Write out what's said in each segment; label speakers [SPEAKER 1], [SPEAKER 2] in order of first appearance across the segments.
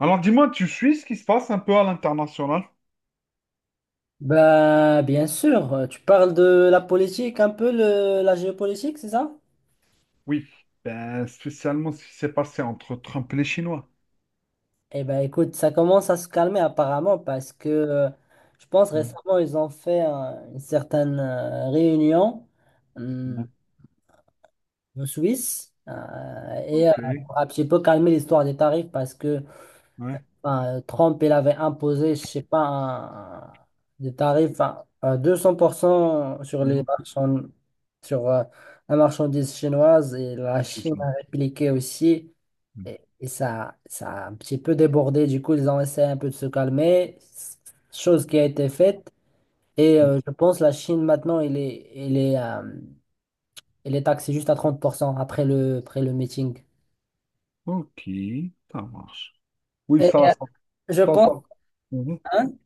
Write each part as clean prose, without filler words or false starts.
[SPEAKER 1] Alors dis-moi, tu suis ce qui se passe un peu à l'international?
[SPEAKER 2] Bien sûr, tu parles de la politique, la géopolitique, c'est ça?
[SPEAKER 1] Oui, ben, spécialement ce qui s'est passé entre Trump et les Chinois.
[SPEAKER 2] Eh ben écoute, ça commence à se calmer apparemment parce que je pense
[SPEAKER 1] Ouais,
[SPEAKER 2] récemment, ils ont fait une certaine réunion euh,
[SPEAKER 1] ouais.
[SPEAKER 2] en Suisse et euh,
[SPEAKER 1] Ok, ouais.
[SPEAKER 2] pour un petit peu calmer l'histoire des tarifs parce que enfin, Trump, il avait imposé, je sais pas, des tarifs à 200% sur les
[SPEAKER 1] Mhm,
[SPEAKER 2] marchands, sur la marchandise chinoise et la
[SPEAKER 1] je
[SPEAKER 2] Chine
[SPEAKER 1] sais.
[SPEAKER 2] a répliqué aussi.
[SPEAKER 1] Mm.
[SPEAKER 2] Et ça, ça a un petit peu débordé. Du coup, ils ont essayé un peu de se calmer, chose qui a été faite. Et je pense la Chine maintenant, il est taxé juste à 30% après après le meeting.
[SPEAKER 1] Ok, ça marche. Oui,
[SPEAKER 2] Et, euh, je
[SPEAKER 1] ça, ça,
[SPEAKER 2] pense,
[SPEAKER 1] Mhm.
[SPEAKER 2] hein,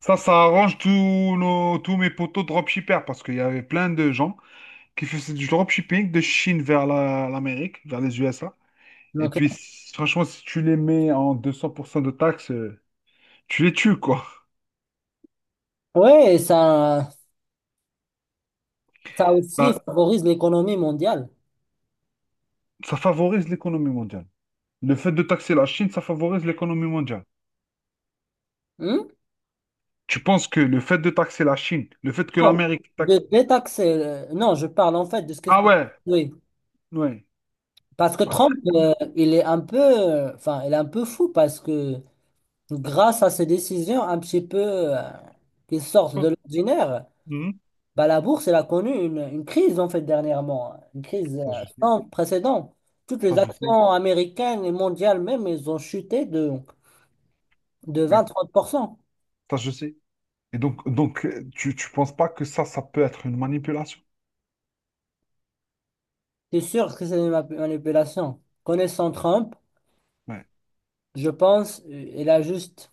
[SPEAKER 1] Ça arrange tous mes potos dropshippers parce qu'il y avait plein de gens qui faisaient du dropshipping de Chine vers l'Amérique, vers les USA. Et
[SPEAKER 2] donc,
[SPEAKER 1] puis, franchement, si tu les mets en 200% de taxes, tu les tues, quoi.
[SPEAKER 2] ouais, ça. Ça aussi
[SPEAKER 1] Bah,
[SPEAKER 2] favorise l'économie mondiale.
[SPEAKER 1] ça favorise l'économie mondiale. Le fait de taxer la Chine, ça favorise l'économie mondiale.
[SPEAKER 2] Hmm?
[SPEAKER 1] Tu penses que le fait de taxer la Chine, le fait que
[SPEAKER 2] Bon,
[SPEAKER 1] l'Amérique
[SPEAKER 2] de
[SPEAKER 1] taxe...
[SPEAKER 2] détaxer. Non, je parle en fait de ce que je
[SPEAKER 1] Ah
[SPEAKER 2] parle.
[SPEAKER 1] ouais,
[SPEAKER 2] Oui.
[SPEAKER 1] ouais.
[SPEAKER 2] Parce que
[SPEAKER 1] Bah,
[SPEAKER 2] Trump,
[SPEAKER 1] tout-
[SPEAKER 2] il est un peu, enfin, il est un peu fou parce que grâce à ses décisions un petit peu euh, qui sortent de l'ordinaire,
[SPEAKER 1] Mhm.
[SPEAKER 2] bah, la bourse, elle a connu une crise en fait dernièrement, une crise
[SPEAKER 1] Ça, je sais.
[SPEAKER 2] sans précédent. Toutes
[SPEAKER 1] Ça,
[SPEAKER 2] les
[SPEAKER 1] je sais.
[SPEAKER 2] actions américaines et mondiales même, elles ont chuté de
[SPEAKER 1] Ouais.
[SPEAKER 2] 20-30%.
[SPEAKER 1] Ça, je sais. Et donc, tu ne penses pas que ça peut être une manipulation?
[SPEAKER 2] C'est sûr que c'est une manipulation. Connaissant Trump,
[SPEAKER 1] Ouais.
[SPEAKER 2] je pense,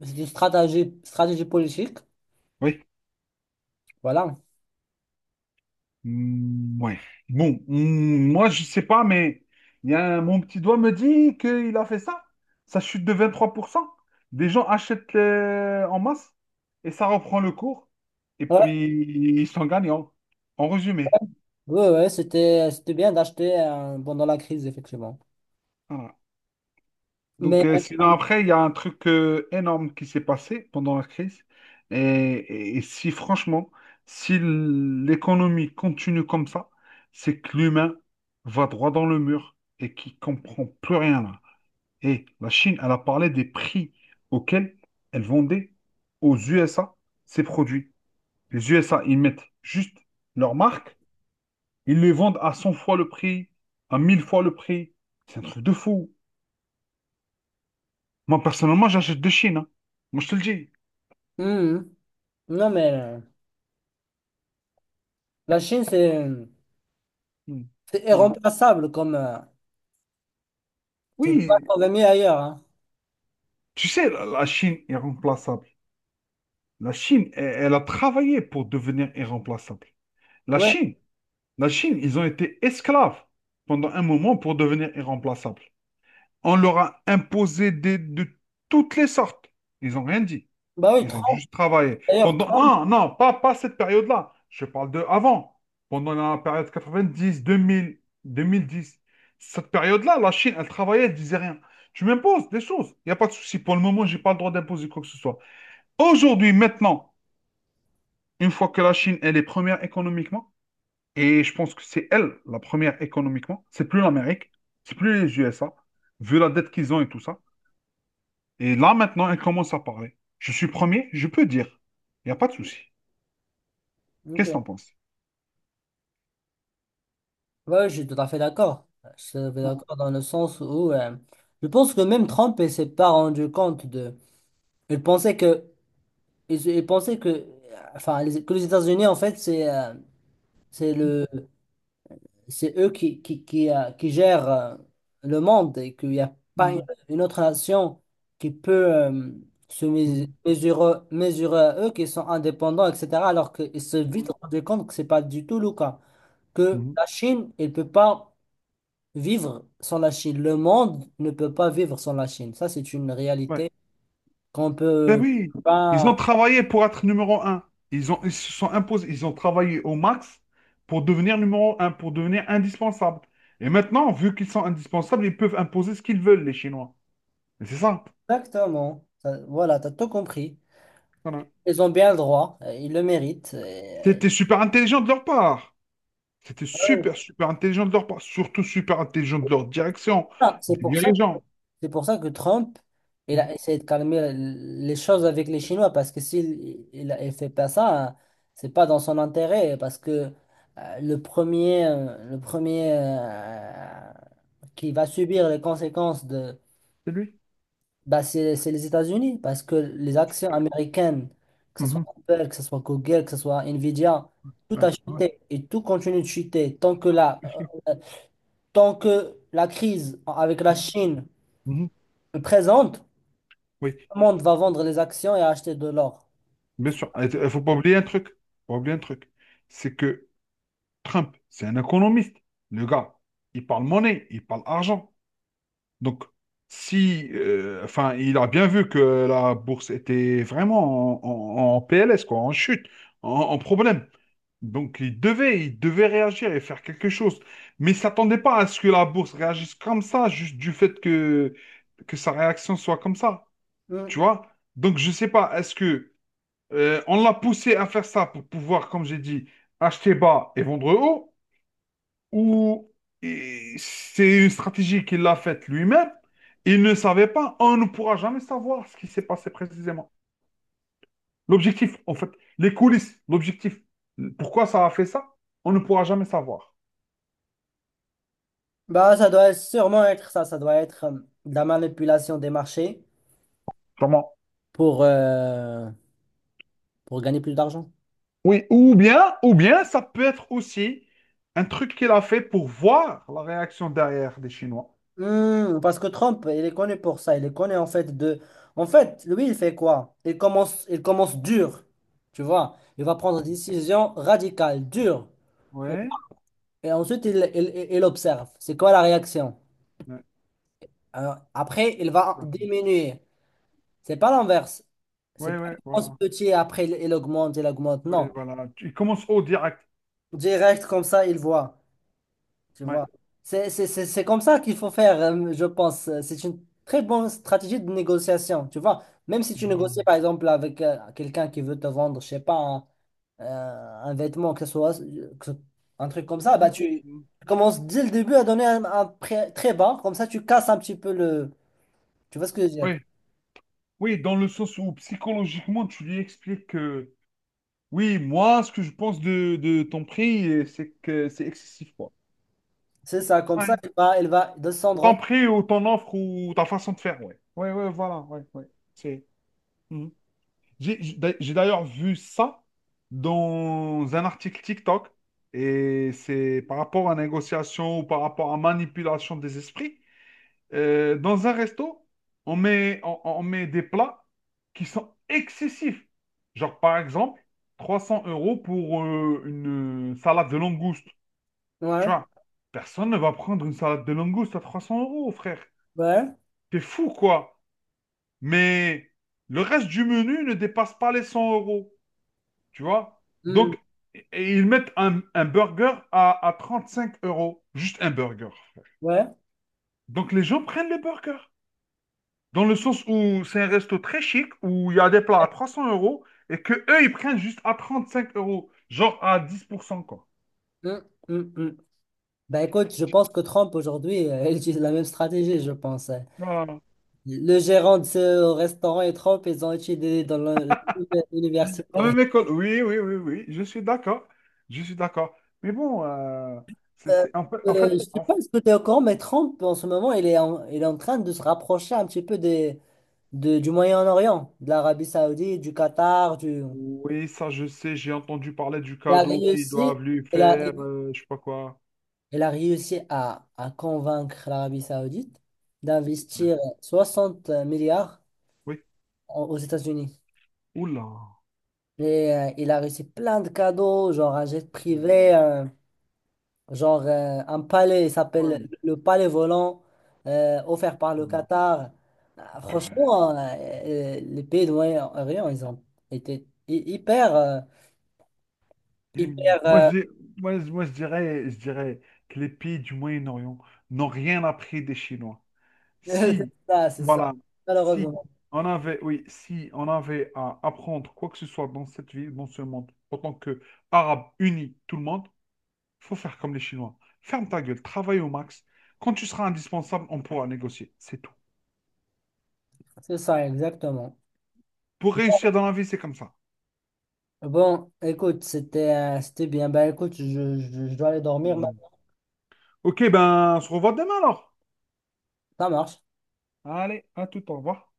[SPEAKER 2] c'est une stratégie politique,
[SPEAKER 1] Oui.
[SPEAKER 2] voilà.
[SPEAKER 1] Hmm, ouais. Bon, hmm, moi, je sais pas, mais il y a un- mon petit doigt me dit qu'il a fait ça. Ça chute de 23%. Des gens achètent en masse et ça reprend le cours. Et
[SPEAKER 2] Ouais,
[SPEAKER 1] puis, ils sont gagnants, en résumé.
[SPEAKER 2] ouais, ouais, c'était, c'était bien d'acheter pendant la crise, effectivement.
[SPEAKER 1] Voilà.
[SPEAKER 2] Mais,
[SPEAKER 1] Donc, sinon,
[SPEAKER 2] euh,
[SPEAKER 1] après, il y a un truc énorme qui s'est passé pendant la crise. Et si, franchement, si l'économie continue comme ça, c'est que l'humain va droit dans le mur et qui comprend plus rien là. Et la Chine, elle a parlé des prix auxquels elle vendait aux USA ses produits. Les USA, ils mettent juste leur marque, ils les vendent à 100 fois le prix, à 1000 fois le prix. C'est un truc de fou. Moi, personnellement, j'achète de Chine, hein. Moi, je te le dis.
[SPEAKER 2] hum, non, mais la Chine,
[SPEAKER 1] Mm.
[SPEAKER 2] c'est
[SPEAKER 1] Voilà.
[SPEAKER 2] irremplaçable comme, tu peux pas
[SPEAKER 1] Oui,
[SPEAKER 2] trouver mieux ailleurs, hein.
[SPEAKER 1] tu sais, la Chine est remplaçable. La Chine, elle a travaillé pour devenir irremplaçable. La
[SPEAKER 2] Ouais,
[SPEAKER 1] Chine, la Chine, ils ont été esclaves pendant un moment pour devenir irremplaçables. On leur a imposé de toutes les sortes. Ils n'ont rien dit.
[SPEAKER 2] bah oui,
[SPEAKER 1] Ils ont juste travaillé.
[SPEAKER 2] Trump,
[SPEAKER 1] Non, non, pas cette période-là. Je parle de avant. Pendant la période 90, 2000, 2010. Cette période-là, la Chine, elle travaillait, elle disait rien. Tu m'imposes des choses. Il n'y a pas de souci. Pour le moment, je n'ai pas le droit d'imposer quoi que ce soit. Aujourd'hui, maintenant, une fois que la Chine, elle est première économiquement, et je pense que c'est elle la première économiquement, c'est plus l'Amérique, c'est plus les USA, vu la dette qu'ils ont et tout ça. Et là, maintenant, elle commence à parler. Je suis premier, je peux dire. Il n'y a pas de souci. Qu'est-ce que
[SPEAKER 2] ok.
[SPEAKER 1] t'en penses?
[SPEAKER 2] Ouais, je suis tout à fait d'accord. Je suis tout à fait
[SPEAKER 1] Mhm,
[SPEAKER 2] d'accord dans le sens où, je pense que même Trump, il s'est pas rendu compte de, il pensait que ils pensaient que, enfin, que les États-Unis, en fait, c'est le, c'est eux qui qui gèrent le monde et qu'il n'y a pas
[SPEAKER 1] mhm,
[SPEAKER 2] une autre nation qui peut se
[SPEAKER 1] mhm,
[SPEAKER 2] mesurer à eux, qui sont indépendants, etc. Alors qu'ils se sont vite
[SPEAKER 1] mhm.
[SPEAKER 2] rendus compte que c'est pas du tout le cas. Que
[SPEAKER 1] mhm.
[SPEAKER 2] la Chine, elle ne peut pas vivre sans la Chine. Le monde ne peut pas vivre sans la Chine. Ça, c'est une
[SPEAKER 1] Ouais.
[SPEAKER 2] réalité qu'on
[SPEAKER 1] Ben
[SPEAKER 2] peut
[SPEAKER 1] oui, ils
[SPEAKER 2] pas.
[SPEAKER 1] ont travaillé pour être numéro un. Ils se sont imposés, ils ont travaillé au max pour devenir numéro un, pour devenir indispensables. Et maintenant, vu qu'ils sont indispensables, ils peuvent imposer ce qu'ils veulent, les Chinois. Et c'est ça.
[SPEAKER 2] Exactement. Voilà, tu as tout compris.
[SPEAKER 1] Voilà.
[SPEAKER 2] Ils ont bien le droit, ils le méritent.
[SPEAKER 1] C'était super intelligent de leur part. C'était super, super intelligent de leur part. Surtout super intelligent de leur direction,
[SPEAKER 2] Ah, c'est
[SPEAKER 1] des
[SPEAKER 2] pour ça,
[SPEAKER 1] dirigeants.
[SPEAKER 2] c'est pour ça que Trump, il a essayé de calmer les choses avec les Chinois, parce que il fait pas ça, hein, c'est pas dans son intérêt, parce que le premier qui va subir les conséquences de,
[SPEAKER 1] C'est lui?
[SPEAKER 2] bah, c'est les États-Unis, parce que les actions américaines, que ce soit
[SPEAKER 1] Mhm.
[SPEAKER 2] Apple, que ce soit Google, que ce soit Nvidia, tout
[SPEAKER 1] Ouais,
[SPEAKER 2] a
[SPEAKER 1] ouais,
[SPEAKER 2] chuté et tout continue de chuter tant que là.
[SPEAKER 1] bien sûr.
[SPEAKER 2] Tant que la crise avec la
[SPEAKER 1] Mhm.
[SPEAKER 2] Chine
[SPEAKER 1] Mhm.
[SPEAKER 2] est présente, tout
[SPEAKER 1] Oui,
[SPEAKER 2] le monde va vendre les actions et acheter de l'or.
[SPEAKER 1] bien sûr. Il ne faut pas oublier un truc. Faut pas oublier un truc. C'est que Trump, c'est un économiste. Le gars, il parle monnaie, il parle argent. Donc, si, enfin, il a bien vu que la bourse était vraiment en PLS, quoi, en chute, en problème. Donc, il devait réagir et faire quelque chose. Mais il ne s'attendait pas à ce que la bourse réagisse comme ça, juste du fait que sa réaction soit comme ça.
[SPEAKER 2] Hmm.
[SPEAKER 1] Tu vois? Donc, je sais pas, est-ce que on l'a poussé à faire ça pour pouvoir, comme j'ai dit, acheter bas et vendre haut, ou et c'est une stratégie qu'il a faite lui-même, il ne savait pas, on ne pourra jamais savoir ce qui s'est passé précisément. L'objectif, en fait, les coulisses, l'objectif, pourquoi ça a fait ça, on ne pourra jamais savoir.
[SPEAKER 2] Bah, ça doit sûrement être ça. Ça doit être de la manipulation des marchés
[SPEAKER 1] Comment?
[SPEAKER 2] pour, euh, pour gagner plus d'argent.
[SPEAKER 1] Oui, ou bien, ça peut être aussi un truc qu'il a fait pour voir la réaction derrière des Chinois.
[SPEAKER 2] Hmm, parce que Trump, il est connu pour ça. Il est connu en fait de... En fait, lui, il fait quoi? Il commence dur. Tu vois, il va prendre des décisions radicales, dures. pour-
[SPEAKER 1] Ouais.
[SPEAKER 2] Et ensuite, il observe. C'est quoi la réaction? Après, il va
[SPEAKER 1] Ouais.
[SPEAKER 2] diminuer. C'est pas l'inverse. C'est
[SPEAKER 1] Ouais,
[SPEAKER 2] pas
[SPEAKER 1] ouais,
[SPEAKER 2] il commence
[SPEAKER 1] voilà.
[SPEAKER 2] petit et après il augmente, il augmente.
[SPEAKER 1] Ouais,
[SPEAKER 2] Non.
[SPEAKER 1] voilà. Il commence au direct.
[SPEAKER 2] Direct comme ça, il voit. Tu
[SPEAKER 1] Ouais.
[SPEAKER 2] vois. C'est comme ça qu'il faut faire, je pense. C'est une très bonne stratégie de négociation. Tu vois. Même si tu négocies,
[SPEAKER 1] Mhm.
[SPEAKER 2] par exemple, avec quelqu'un qui veut te vendre, je sais pas, euh, un vêtement, que ce soit que ce- un truc comme ça, bah
[SPEAKER 1] Mhm.
[SPEAKER 2] tu
[SPEAKER 1] Mhm.
[SPEAKER 2] commences dès le début à donner un prix très bas. Comme ça, tu casses un petit peu le. Tu vois ce que je veux dire?
[SPEAKER 1] Ouais. Oui, dans le sens où psychologiquement, tu lui expliques que oui, moi, ce que je pense de ton prix, c'est que c'est excessif, quoi.
[SPEAKER 2] C'est ça, comme ça,
[SPEAKER 1] Ouais.
[SPEAKER 2] elle va descendre
[SPEAKER 1] Ton
[SPEAKER 2] encore.
[SPEAKER 1] prix ou ton offre ou ta façon de faire, ouais. Ouais, ouais, voilà, ouais, ouais. C'est. Mhm. J'ai d'ailleurs vu ça dans un article TikTok et c'est par rapport à négociation ou par rapport à manipulation des esprits. Dans un resto, on met des plats qui sont excessifs. Genre, par exemple, 300 euros pour une salade de langoustes. Tu
[SPEAKER 2] Ouais,
[SPEAKER 1] vois, personne ne va prendre une salade de langoustes à 300 euros, frère.
[SPEAKER 2] ouais,
[SPEAKER 1] T'es fou, quoi. Mais le reste du menu ne dépasse pas les 100 euros. Tu vois?
[SPEAKER 2] hmm,
[SPEAKER 1] Donc, et ils mettent un burger à 5 euros. Juste un burger, frère.
[SPEAKER 2] ouais.
[SPEAKER 1] Donc, les gens prennent le burger. Dans le sens où c'est un resto très chic, où il y a des plats à 300 euros et que eux, ils prennent juste à 35 euros, genre à 10%, quoi.
[SPEAKER 2] Hmm, hmm, hmm. Ben écoute, je pense que Trump aujourd'hui, il utilise la même stratégie, je pense. Hein.
[SPEAKER 1] Ah,
[SPEAKER 2] Le gérant de ce restaurant et Trump, ils ont étudié dans
[SPEAKER 1] la
[SPEAKER 2] l'université.
[SPEAKER 1] même école, oui, oui, oui, oui, je suis d'accord. Je suis d'accord. Mais bon, c'est,
[SPEAKER 2] Euh,
[SPEAKER 1] c'est- en fait, en fait,
[SPEAKER 2] je sais
[SPEAKER 1] en-
[SPEAKER 2] pas si tu es au courant, mais Trump, en ce moment, il est en train de se rapprocher un petit peu des, du Moyen-Orient, de l'Arabie Saoudite, du Qatar, du...
[SPEAKER 1] oui, ça, je sais, j'ai entendu parler du
[SPEAKER 2] Il a
[SPEAKER 1] cadeau qu'ils
[SPEAKER 2] réussi,
[SPEAKER 1] doivent lui
[SPEAKER 2] il a,
[SPEAKER 1] faire, je sais pas quoi.
[SPEAKER 2] Elle a réussi à convaincre l'Arabie Saoudite
[SPEAKER 1] Ouais.
[SPEAKER 2] d'investir 60 milliards
[SPEAKER 1] Oui.
[SPEAKER 2] aux États-Unis.
[SPEAKER 1] Oula.
[SPEAKER 2] Et il a reçu plein de cadeaux, genre un jet privé, genre un palais, il
[SPEAKER 1] Ouais. Ouais.
[SPEAKER 2] s'appelle le palais volant, offert par le Qatar.
[SPEAKER 1] Oh,
[SPEAKER 2] Ah,
[SPEAKER 1] purée.
[SPEAKER 2] franchement, les pays de Moyen-Orient, ils ont été hyper, hyper,
[SPEAKER 1] Moi, je,
[SPEAKER 2] euh,
[SPEAKER 1] dis- moi, je dirais que les pays du Moyen-Orient n'ont rien appris des Chinois. Si,
[SPEAKER 2] c'est ça,
[SPEAKER 1] voilà, si
[SPEAKER 2] malheureusement.
[SPEAKER 1] si on avait à apprendre quoi que ce soit dans cette vie, dans ce monde, en tant qu'Arabes unis, tout le monde, faut faire comme les Chinois. Ferme ta gueule, travaille au max. Quand tu seras indispensable, on pourra négocier. C'est tout.
[SPEAKER 2] C'est ça, exactement.
[SPEAKER 1] Pour réussir dans la vie, c'est comme ça.
[SPEAKER 2] Bon, écoute, c'était c'était bien. Ben écoute, je dois aller dormir
[SPEAKER 1] Hmm.
[SPEAKER 2] maintenant.
[SPEAKER 1] Ok, ben, on se revoit demain alors.
[SPEAKER 2] Ça marche.
[SPEAKER 1] Allez, à tout, au revoir.